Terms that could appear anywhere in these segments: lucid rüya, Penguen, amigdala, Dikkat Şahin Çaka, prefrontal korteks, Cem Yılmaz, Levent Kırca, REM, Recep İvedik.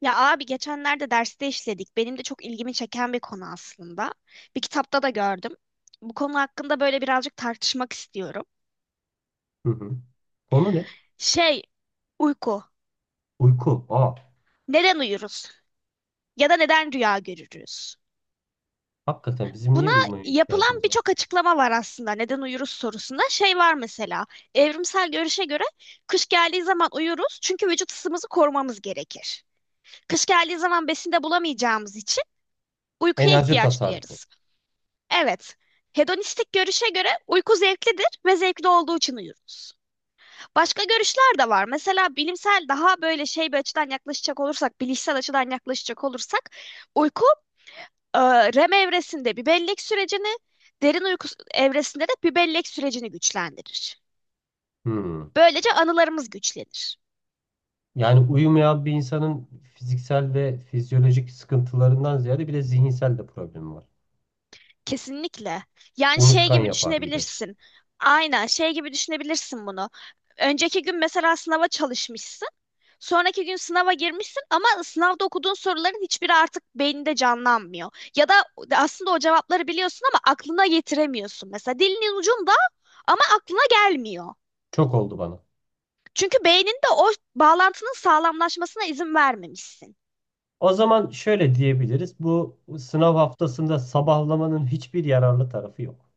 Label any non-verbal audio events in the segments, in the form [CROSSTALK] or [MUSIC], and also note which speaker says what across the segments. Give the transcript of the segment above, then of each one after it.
Speaker 1: Ya abi geçenlerde derste işledik. Benim de çok ilgimi çeken bir konu aslında. Bir kitapta da gördüm. Bu konu hakkında böyle birazcık tartışmak istiyorum.
Speaker 2: Hı hı. Konu ne?
Speaker 1: Şey, uyku.
Speaker 2: Uyku. Aa,
Speaker 1: Neden uyuruz? Ya da neden rüya görürüz?
Speaker 2: hakikaten bizim niye
Speaker 1: Buna
Speaker 2: uyumaya
Speaker 1: yapılan
Speaker 2: ihtiyacımız var?
Speaker 1: birçok açıklama var aslında. Neden uyuruz sorusunda şey var mesela. Evrimsel görüşe göre kış geldiği zaman uyuruz çünkü vücut ısımızı korumamız gerekir. Kış geldiği zaman besin de bulamayacağımız için uykuya
Speaker 2: Enerji
Speaker 1: ihtiyaç
Speaker 2: tasarrufu.
Speaker 1: duyarız. Evet. Hedonistik görüşe göre uyku zevklidir ve zevkli olduğu için uyuruz. Başka görüşler de var. Mesela bilimsel daha böyle şey bir açıdan yaklaşacak olursak, bilişsel açıdan yaklaşacak olursak, uyku e, REM evresinde bir bellek sürecini, derin uyku evresinde de bir bellek sürecini güçlendirir.
Speaker 2: Hmm.
Speaker 1: Böylece anılarımız güçlenir.
Speaker 2: Yani uyumayan bir insanın fiziksel ve fizyolojik sıkıntılarından ziyade bir de zihinsel de problemi var.
Speaker 1: Kesinlikle. Yani şey
Speaker 2: Unutkan
Speaker 1: gibi
Speaker 2: yapar gibi.
Speaker 1: düşünebilirsin. Aynen şey gibi düşünebilirsin bunu. Önceki gün mesela sınava çalışmışsın. Sonraki gün sınava girmişsin ama sınavda okuduğun soruların hiçbiri artık beyninde canlanmıyor. Ya da aslında o cevapları biliyorsun ama aklına getiremiyorsun. Mesela dilinin ucunda ama aklına gelmiyor.
Speaker 2: Çok oldu bana.
Speaker 1: Çünkü beyninde o bağlantının sağlamlaşmasına izin vermemişsin.
Speaker 2: O zaman şöyle diyebiliriz: bu sınav haftasında sabahlamanın hiçbir yararlı tarafı yok.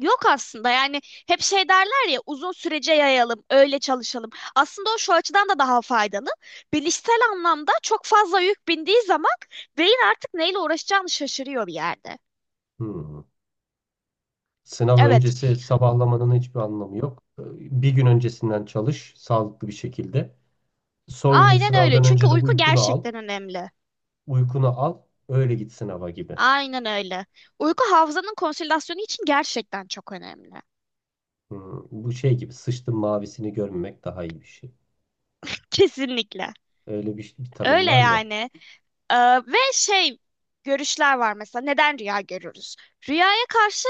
Speaker 1: Yok aslında, yani hep şey derler ya, uzun sürece yayalım, öyle çalışalım. Aslında o şu açıdan da daha faydalı. Bilişsel anlamda çok fazla yük bindiği zaman beyin artık neyle uğraşacağını şaşırıyor bir yerde.
Speaker 2: Hmm. Sınav
Speaker 1: Evet.
Speaker 2: öncesi sabahlamanın hiçbir anlamı yok. Bir gün öncesinden çalış sağlıklı bir şekilde. Son gün
Speaker 1: Aynen öyle.
Speaker 2: sınavdan
Speaker 1: Çünkü
Speaker 2: önce de
Speaker 1: uyku
Speaker 2: uykunu al.
Speaker 1: gerçekten önemli.
Speaker 2: Uykunu al, öyle git sınava gibi.
Speaker 1: Aynen öyle. Uyku hafızanın konsolidasyonu için gerçekten çok önemli. [LAUGHS]
Speaker 2: Hmm, bu şey gibi, sıçtın mavisini görmemek daha iyi bir şey.
Speaker 1: Kesinlikle.
Speaker 2: Öyle bir tanım
Speaker 1: Öyle
Speaker 2: var ya.
Speaker 1: yani. Ee, ve şey görüşler var mesela. Neden rüya görürüz? Rüyaya karşı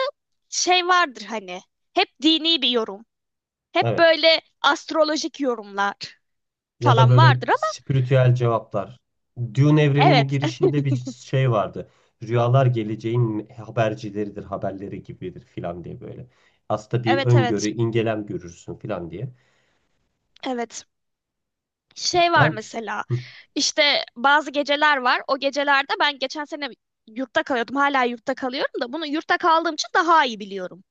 Speaker 1: şey vardır hani. Hep dini bir yorum. Hep
Speaker 2: Evet.
Speaker 1: böyle astrolojik yorumlar
Speaker 2: Ya da
Speaker 1: falan
Speaker 2: böyle
Speaker 1: vardır ama
Speaker 2: spiritüel cevaplar. Dune evreninin
Speaker 1: evet. [LAUGHS]
Speaker 2: girişinde bir şey vardı. Rüyalar geleceğin habercileridir, haberleri gibidir filan diye böyle. Aslında bir
Speaker 1: Evet
Speaker 2: öngörü,
Speaker 1: evet.
Speaker 2: ingelem görürsün filan diye.
Speaker 1: Evet. Şey var
Speaker 2: Ben
Speaker 1: mesela,
Speaker 2: hı,
Speaker 1: işte bazı geceler var. O gecelerde ben geçen sene yurtta kalıyordum. Hala yurtta kalıyorum da bunu yurtta kaldığım için daha iyi biliyorum.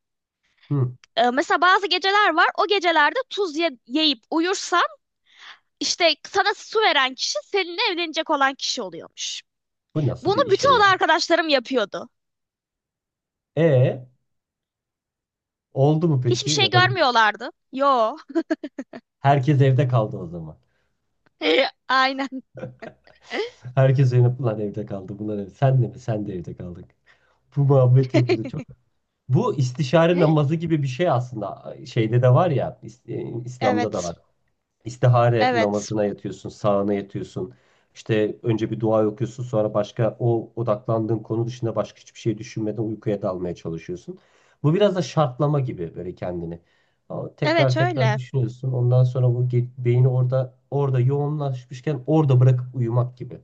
Speaker 2: hı,
Speaker 1: Mesela bazı geceler var. O gecelerde tuz yiyip uyursan işte sana su veren kişi seninle evlenecek olan kişi oluyormuş.
Speaker 2: bu nasıl
Speaker 1: Bunu
Speaker 2: bir şey
Speaker 1: bütün oda
Speaker 2: ya?
Speaker 1: arkadaşlarım yapıyordu.
Speaker 2: E, oldu mu peki?
Speaker 1: Hiçbir şey
Speaker 2: Ya da böyle
Speaker 1: görmüyorlardı. Yo.
Speaker 2: herkes evde kaldı o zaman.
Speaker 1: [LAUGHS] Aynen.
Speaker 2: Herkes evde, evde kaldı. Bunlar evde. Sen de mi? Sen de evde kaldık. Bu muhabbet yapılıyor
Speaker 1: [LAUGHS]
Speaker 2: çok. Bu istişare namazı gibi bir şey aslında. Şeyde de var ya, e, İslam'da da
Speaker 1: Evet.
Speaker 2: var. İstihare
Speaker 1: Evet.
Speaker 2: namazına yatıyorsun, sağına yatıyorsun. İşte önce bir dua okuyorsun, sonra başka o odaklandığın konu dışında başka hiçbir şey düşünmeden uykuya dalmaya çalışıyorsun. Bu biraz da şartlama gibi böyle kendini. Ama tekrar
Speaker 1: Evet
Speaker 2: tekrar
Speaker 1: öyle.
Speaker 2: düşünüyorsun. Ondan sonra bu beyni orada yoğunlaşmışken orada bırakıp uyumak gibi.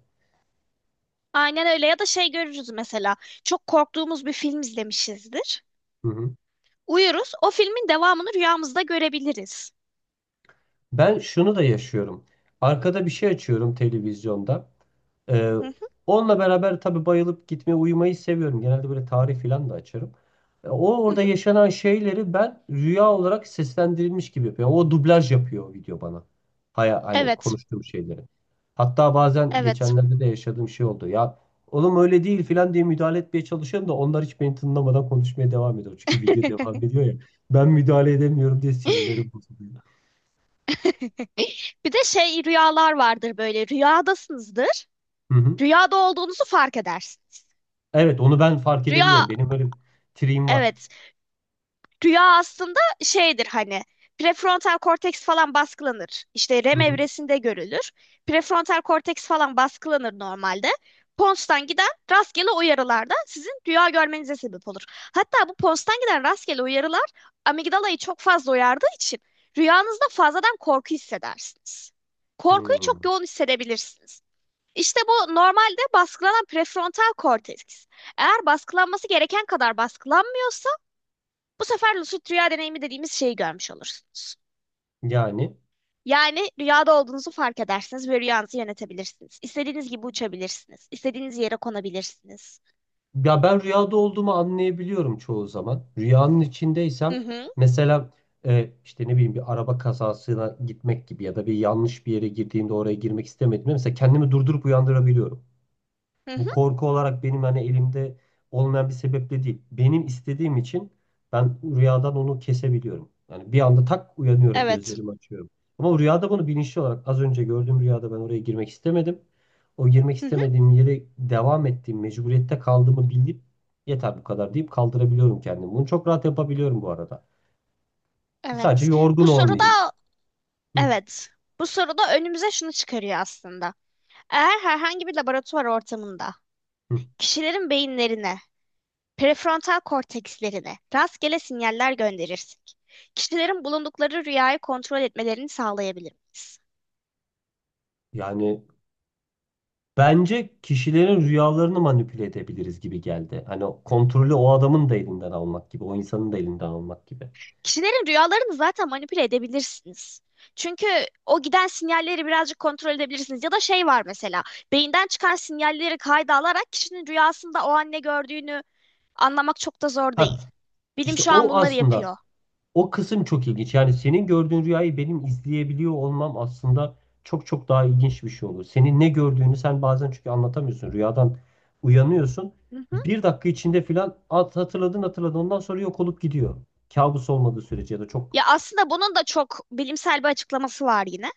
Speaker 1: Aynen öyle, ya da şey görürüz mesela, çok korktuğumuz bir film izlemişizdir.
Speaker 2: Hı hı.
Speaker 1: Uyuruz, o filmin devamını rüyamızda görebiliriz.
Speaker 2: Ben şunu da yaşıyorum. Arkada bir şey açıyorum televizyonda. Ee,
Speaker 1: Hı hı,
Speaker 2: Onunla beraber tabii bayılıp gitmeyi, uyumayı seviyorum. Genelde böyle tarih falan da açarım. O
Speaker 1: hı
Speaker 2: orada
Speaker 1: hı.
Speaker 2: yaşanan şeyleri ben rüya olarak seslendirilmiş gibi yapıyorum. O dublaj yapıyor o video bana. Haya, hani
Speaker 1: Evet,
Speaker 2: konuştuğum şeyleri. Hatta bazen
Speaker 1: evet.
Speaker 2: geçenlerde de yaşadığım şey oldu. Ya oğlum öyle değil falan diye müdahale etmeye çalışıyorum da onlar hiç beni tınlamadan konuşmaya devam ediyor. Çünkü video
Speaker 1: [LAUGHS]
Speaker 2: devam ediyor ya. Ben müdahale edemiyorum diye sinirleri bozuluyor.
Speaker 1: Bir de şey rüyalar vardır, böyle rüyadasınızdır.
Speaker 2: Hı hı.
Speaker 1: Rüyada olduğunuzu fark edersiniz.
Speaker 2: Evet, onu ben fark
Speaker 1: Rüya
Speaker 2: edebiliyorum. Benim öyle bir triğim var.
Speaker 1: evet. Rüya aslında şeydir hani, prefrontal korteks falan baskılanır. İşte
Speaker 2: Hı
Speaker 1: REM
Speaker 2: hı.
Speaker 1: evresinde görülür. Prefrontal korteks falan baskılanır normalde. Pons'tan giden rastgele uyarılar da sizin rüya görmenize sebep olur. Hatta bu Pons'tan giden rastgele uyarılar amigdalayı çok fazla uyardığı için rüyanızda fazladan korku hissedersiniz. Korkuyu
Speaker 2: Hmm.
Speaker 1: çok yoğun hissedebilirsiniz. İşte bu normalde baskılanan prefrontal korteks, eğer baskılanması gereken kadar baskılanmıyorsa bu sefer lucid rüya deneyimi dediğimiz şeyi görmüş olursunuz.
Speaker 2: Yani
Speaker 1: Yani rüyada olduğunuzu fark edersiniz ve rüyanızı yönetebilirsiniz. İstediğiniz gibi uçabilirsiniz. İstediğiniz yere konabilirsiniz.
Speaker 2: ya ben rüyada olduğumu anlayabiliyorum çoğu zaman. Rüyanın
Speaker 1: Hı
Speaker 2: içindeysem
Speaker 1: hı,
Speaker 2: mesela, işte ne bileyim, bir araba kazasına gitmek gibi ya da bir yanlış bir yere girdiğimde, oraya girmek istemediğimde, mesela kendimi durdurup uyandırabiliyorum.
Speaker 1: hı
Speaker 2: Bu
Speaker 1: hı,
Speaker 2: korku olarak benim hani elimde olmayan bir sebeple değil. Benim istediğim için ben rüyadan onu kesebiliyorum. Yani bir anda tak uyanıyorum,
Speaker 1: evet.
Speaker 2: gözlerimi açıyorum. Ama rüyada bunu bilinçli olarak az önce gördüğüm rüyada ben oraya girmek istemedim. O girmek
Speaker 1: Hı hı,
Speaker 2: istemediğim yere devam ettiğim mecburiyette kaldığımı bilip yeter bu kadar deyip kaldırabiliyorum kendimi. Bunu çok rahat yapabiliyorum bu arada. Sadece
Speaker 1: evet.
Speaker 2: yorgun
Speaker 1: Bu soruda
Speaker 2: olmayayım. Hı,
Speaker 1: evet. Bu soruda önümüze şunu çıkarıyor aslında. Eğer herhangi bir laboratuvar ortamında
Speaker 2: hı.
Speaker 1: kişilerin beyinlerine, prefrontal kortekslerine rastgele sinyaller gönderirsek, kişilerin bulundukları rüyayı kontrol etmelerini sağlayabilir miyiz?
Speaker 2: Yani bence kişilerin rüyalarını manipüle edebiliriz gibi geldi. Hani o kontrolü o adamın da elinden almak gibi, o insanın da elinden almak gibi.
Speaker 1: Kişilerin rüyalarını zaten manipüle edebilirsiniz. Çünkü o giden sinyalleri birazcık kontrol edebilirsiniz. Ya da şey var mesela, beyinden çıkan sinyalleri kayda alarak kişinin rüyasında o an ne gördüğünü anlamak çok da zor
Speaker 2: Ha,
Speaker 1: değil. Bilim
Speaker 2: işte
Speaker 1: şu an
Speaker 2: o
Speaker 1: bunları
Speaker 2: aslında
Speaker 1: yapıyor.
Speaker 2: o kısım çok ilginç. Yani senin gördüğün rüyayı benim izleyebiliyor olmam aslında çok daha ilginç bir şey olur. Senin ne gördüğünü sen bazen çünkü anlatamıyorsun. Rüyadan uyanıyorsun.
Speaker 1: Hı hı.
Speaker 2: Bir dakika içinde filan hatırladın hatırladın, ondan sonra yok olup gidiyor. Kabus olmadığı sürece ya da çok...
Speaker 1: Ya aslında bunun da çok bilimsel bir açıklaması var yine.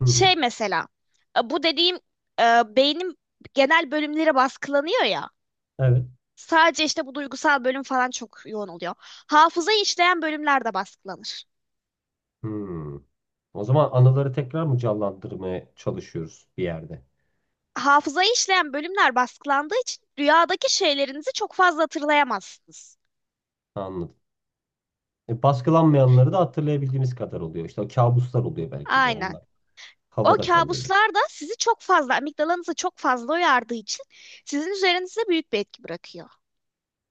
Speaker 2: Hı hı.
Speaker 1: Şey mesela, bu dediğim beynin genel bölümleri baskılanıyor ya.
Speaker 2: Evet.
Speaker 1: Sadece işte bu duygusal bölüm falan çok yoğun oluyor. Hafızayı işleyen bölümler de baskılanır.
Speaker 2: Hmm. O zaman anıları tekrar mı canlandırmaya çalışıyoruz bir yerde?
Speaker 1: Hafızayı işleyen bölümler baskılandığı için rüyadaki şeylerinizi çok fazla hatırlayamazsınız.
Speaker 2: Anladım. E, baskılanmayanları da hatırlayabildiğimiz kadar oluyor. İşte o kabuslar oluyor belki de
Speaker 1: Aynen.
Speaker 2: onlar.
Speaker 1: O
Speaker 2: Havada kalıyor.
Speaker 1: kabuslar da sizi çok fazla, amigdalanızı çok fazla uyardığı için sizin üzerinizde büyük bir etki bırakıyor.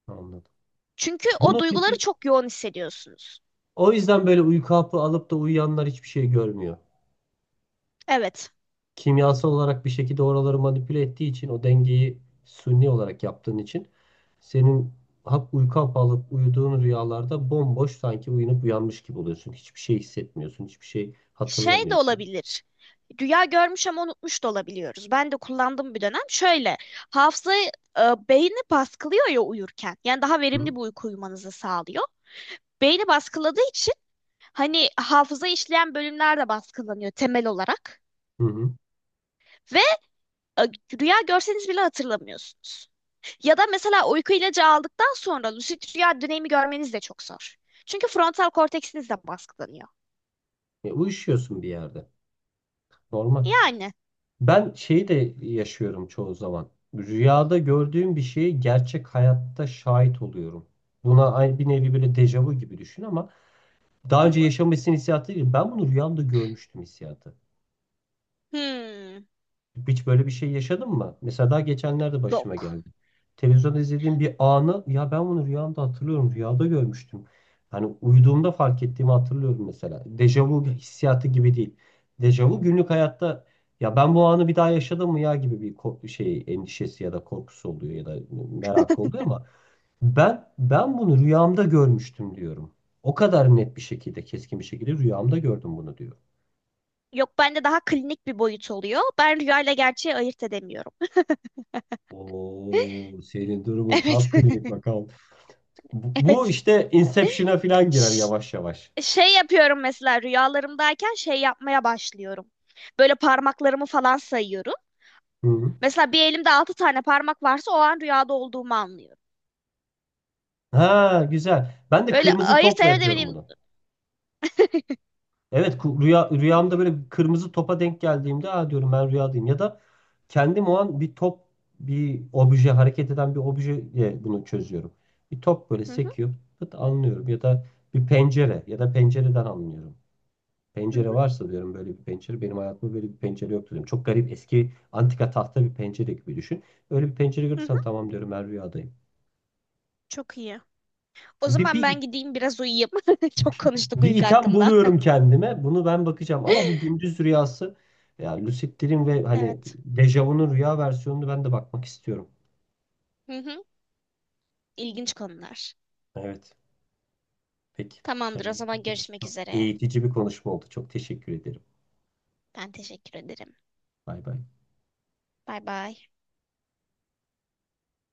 Speaker 2: Anladım.
Speaker 1: Çünkü o
Speaker 2: Bunu
Speaker 1: duyguları
Speaker 2: peki
Speaker 1: çok yoğun hissediyorsunuz.
Speaker 2: o yüzden böyle uyku hapı alıp da uyuyanlar hiçbir şey görmüyor.
Speaker 1: Evet.
Speaker 2: Kimyasal olarak bir şekilde oraları manipüle ettiği için o dengeyi suni olarak yaptığın için senin uyku hapı alıp uyuduğun rüyalarda bomboş, sanki uyanıp uyanmış gibi oluyorsun. Hiçbir şey hissetmiyorsun. Hiçbir şey
Speaker 1: Şey de
Speaker 2: hatırlamıyorsun.
Speaker 1: olabilir. Rüya görmüş ama unutmuş da olabiliyoruz. Ben de kullandım bir dönem. Şöyle, hafızayı e, beyni baskılıyor ya uyurken. Yani daha
Speaker 2: Hı?
Speaker 1: verimli bir uyku uyumanızı sağlıyor. Beyni baskıladığı için hani hafıza işleyen bölümler de baskılanıyor temel olarak.
Speaker 2: Hı hı.
Speaker 1: Ve e, rüya görseniz bile hatırlamıyorsunuz. Ya da mesela uyku ilacı aldıktan sonra lucid rüya dönemi görmeniz de çok zor. Çünkü frontal korteksiniz de baskılanıyor.
Speaker 2: E, uyuşuyorsun bir yerde. Normal.
Speaker 1: Yani.
Speaker 2: Ben şeyi de yaşıyorum çoğu zaman. Rüyada gördüğüm bir şeyi gerçek hayatta şahit oluyorum. Buna aynı bir nevi böyle dejavu gibi düşün ama
Speaker 1: Hı
Speaker 2: daha
Speaker 1: hı.
Speaker 2: önce yaşamışsın hissiyatı değil. Ben bunu rüyamda görmüştüm hissiyatı.
Speaker 1: Hmm,
Speaker 2: Hiç böyle bir şey yaşadın mı? Mesela daha geçenlerde başıma
Speaker 1: yok.
Speaker 2: geldi. Televizyonda izlediğim bir anı ya ben bunu rüyamda hatırlıyorum. Rüyada görmüştüm. Hani uyuduğumda fark ettiğimi hatırlıyorum mesela. Dejavu hissiyatı gibi değil. Dejavu günlük hayatta, ya ben bu anı bir daha yaşadım mı ya gibi bir korku, şey, endişesi ya da korkusu oluyor ya da merak oluyor ama ben bunu rüyamda görmüştüm diyorum. O kadar net bir şekilde, keskin bir şekilde rüyamda gördüm bunu diyor.
Speaker 1: Yok, bende daha klinik bir boyut oluyor. Ben rüyayla gerçeği ayırt edemiyorum.
Speaker 2: Oo, senin
Speaker 1: [LAUGHS]
Speaker 2: durumun
Speaker 1: Evet.
Speaker 2: tam klinik
Speaker 1: [LAUGHS]
Speaker 2: vaka. Bu
Speaker 1: Evet.
Speaker 2: işte Inception'a falan girer
Speaker 1: Ş-
Speaker 2: yavaş yavaş.
Speaker 1: Şey yapıyorum mesela, rüyalarımdayken şey yapmaya başlıyorum. Böyle parmaklarımı falan sayıyorum.
Speaker 2: Hı hı.
Speaker 1: Mesela bir elimde altı tane parmak varsa o an rüyada olduğumu anlıyorum.
Speaker 2: Ha güzel. Ben de
Speaker 1: Böyle
Speaker 2: kırmızı
Speaker 1: ayırt
Speaker 2: topla yapıyorum
Speaker 1: edemediğim...
Speaker 2: bunu. Evet, rüyamda böyle bir kırmızı topa denk geldiğimde ha diyorum ben rüyadayım. Ya da kendim o an bir top, bir obje, hareket eden bir objeyle bunu çözüyorum. Bir top böyle
Speaker 1: Hı hı,
Speaker 2: sekiyor, pıt anlıyorum ya da pencereden anlıyorum.
Speaker 1: hı
Speaker 2: Pencere
Speaker 1: hı,
Speaker 2: varsa diyorum, böyle bir pencere, benim hayatımda böyle bir pencere yok diyorum. Çok garip eski antika tahta bir pencere gibi düşün. Öyle bir pencere
Speaker 1: hı hı.
Speaker 2: görürsen tamam diyorum, ben rüyadayım.
Speaker 1: Çok iyi. O
Speaker 2: Bir,
Speaker 1: zaman
Speaker 2: bir,
Speaker 1: ben gideyim biraz uyuyayım. [LAUGHS] Çok konuştuk
Speaker 2: bir
Speaker 1: uyku
Speaker 2: item
Speaker 1: hakkında.
Speaker 2: buluyorum kendime. Bunu ben bakacağım. Ama bu
Speaker 1: [LAUGHS]
Speaker 2: gündüz rüyası ya, lucid dream ve hani
Speaker 1: Evet.
Speaker 2: dejavu'nun rüya versiyonunu ben de bakmak istiyorum.
Speaker 1: Hı hı. İlginç konular.
Speaker 2: Evet. Peki.
Speaker 1: Tamamdır, o
Speaker 2: Kendine çok
Speaker 1: zaman
Speaker 2: iyi bak.
Speaker 1: görüşmek
Speaker 2: Çok
Speaker 1: üzere.
Speaker 2: eğitici bir konuşma oldu. Çok teşekkür ederim.
Speaker 1: Ben teşekkür ederim.
Speaker 2: Bay bay.
Speaker 1: Bay bay.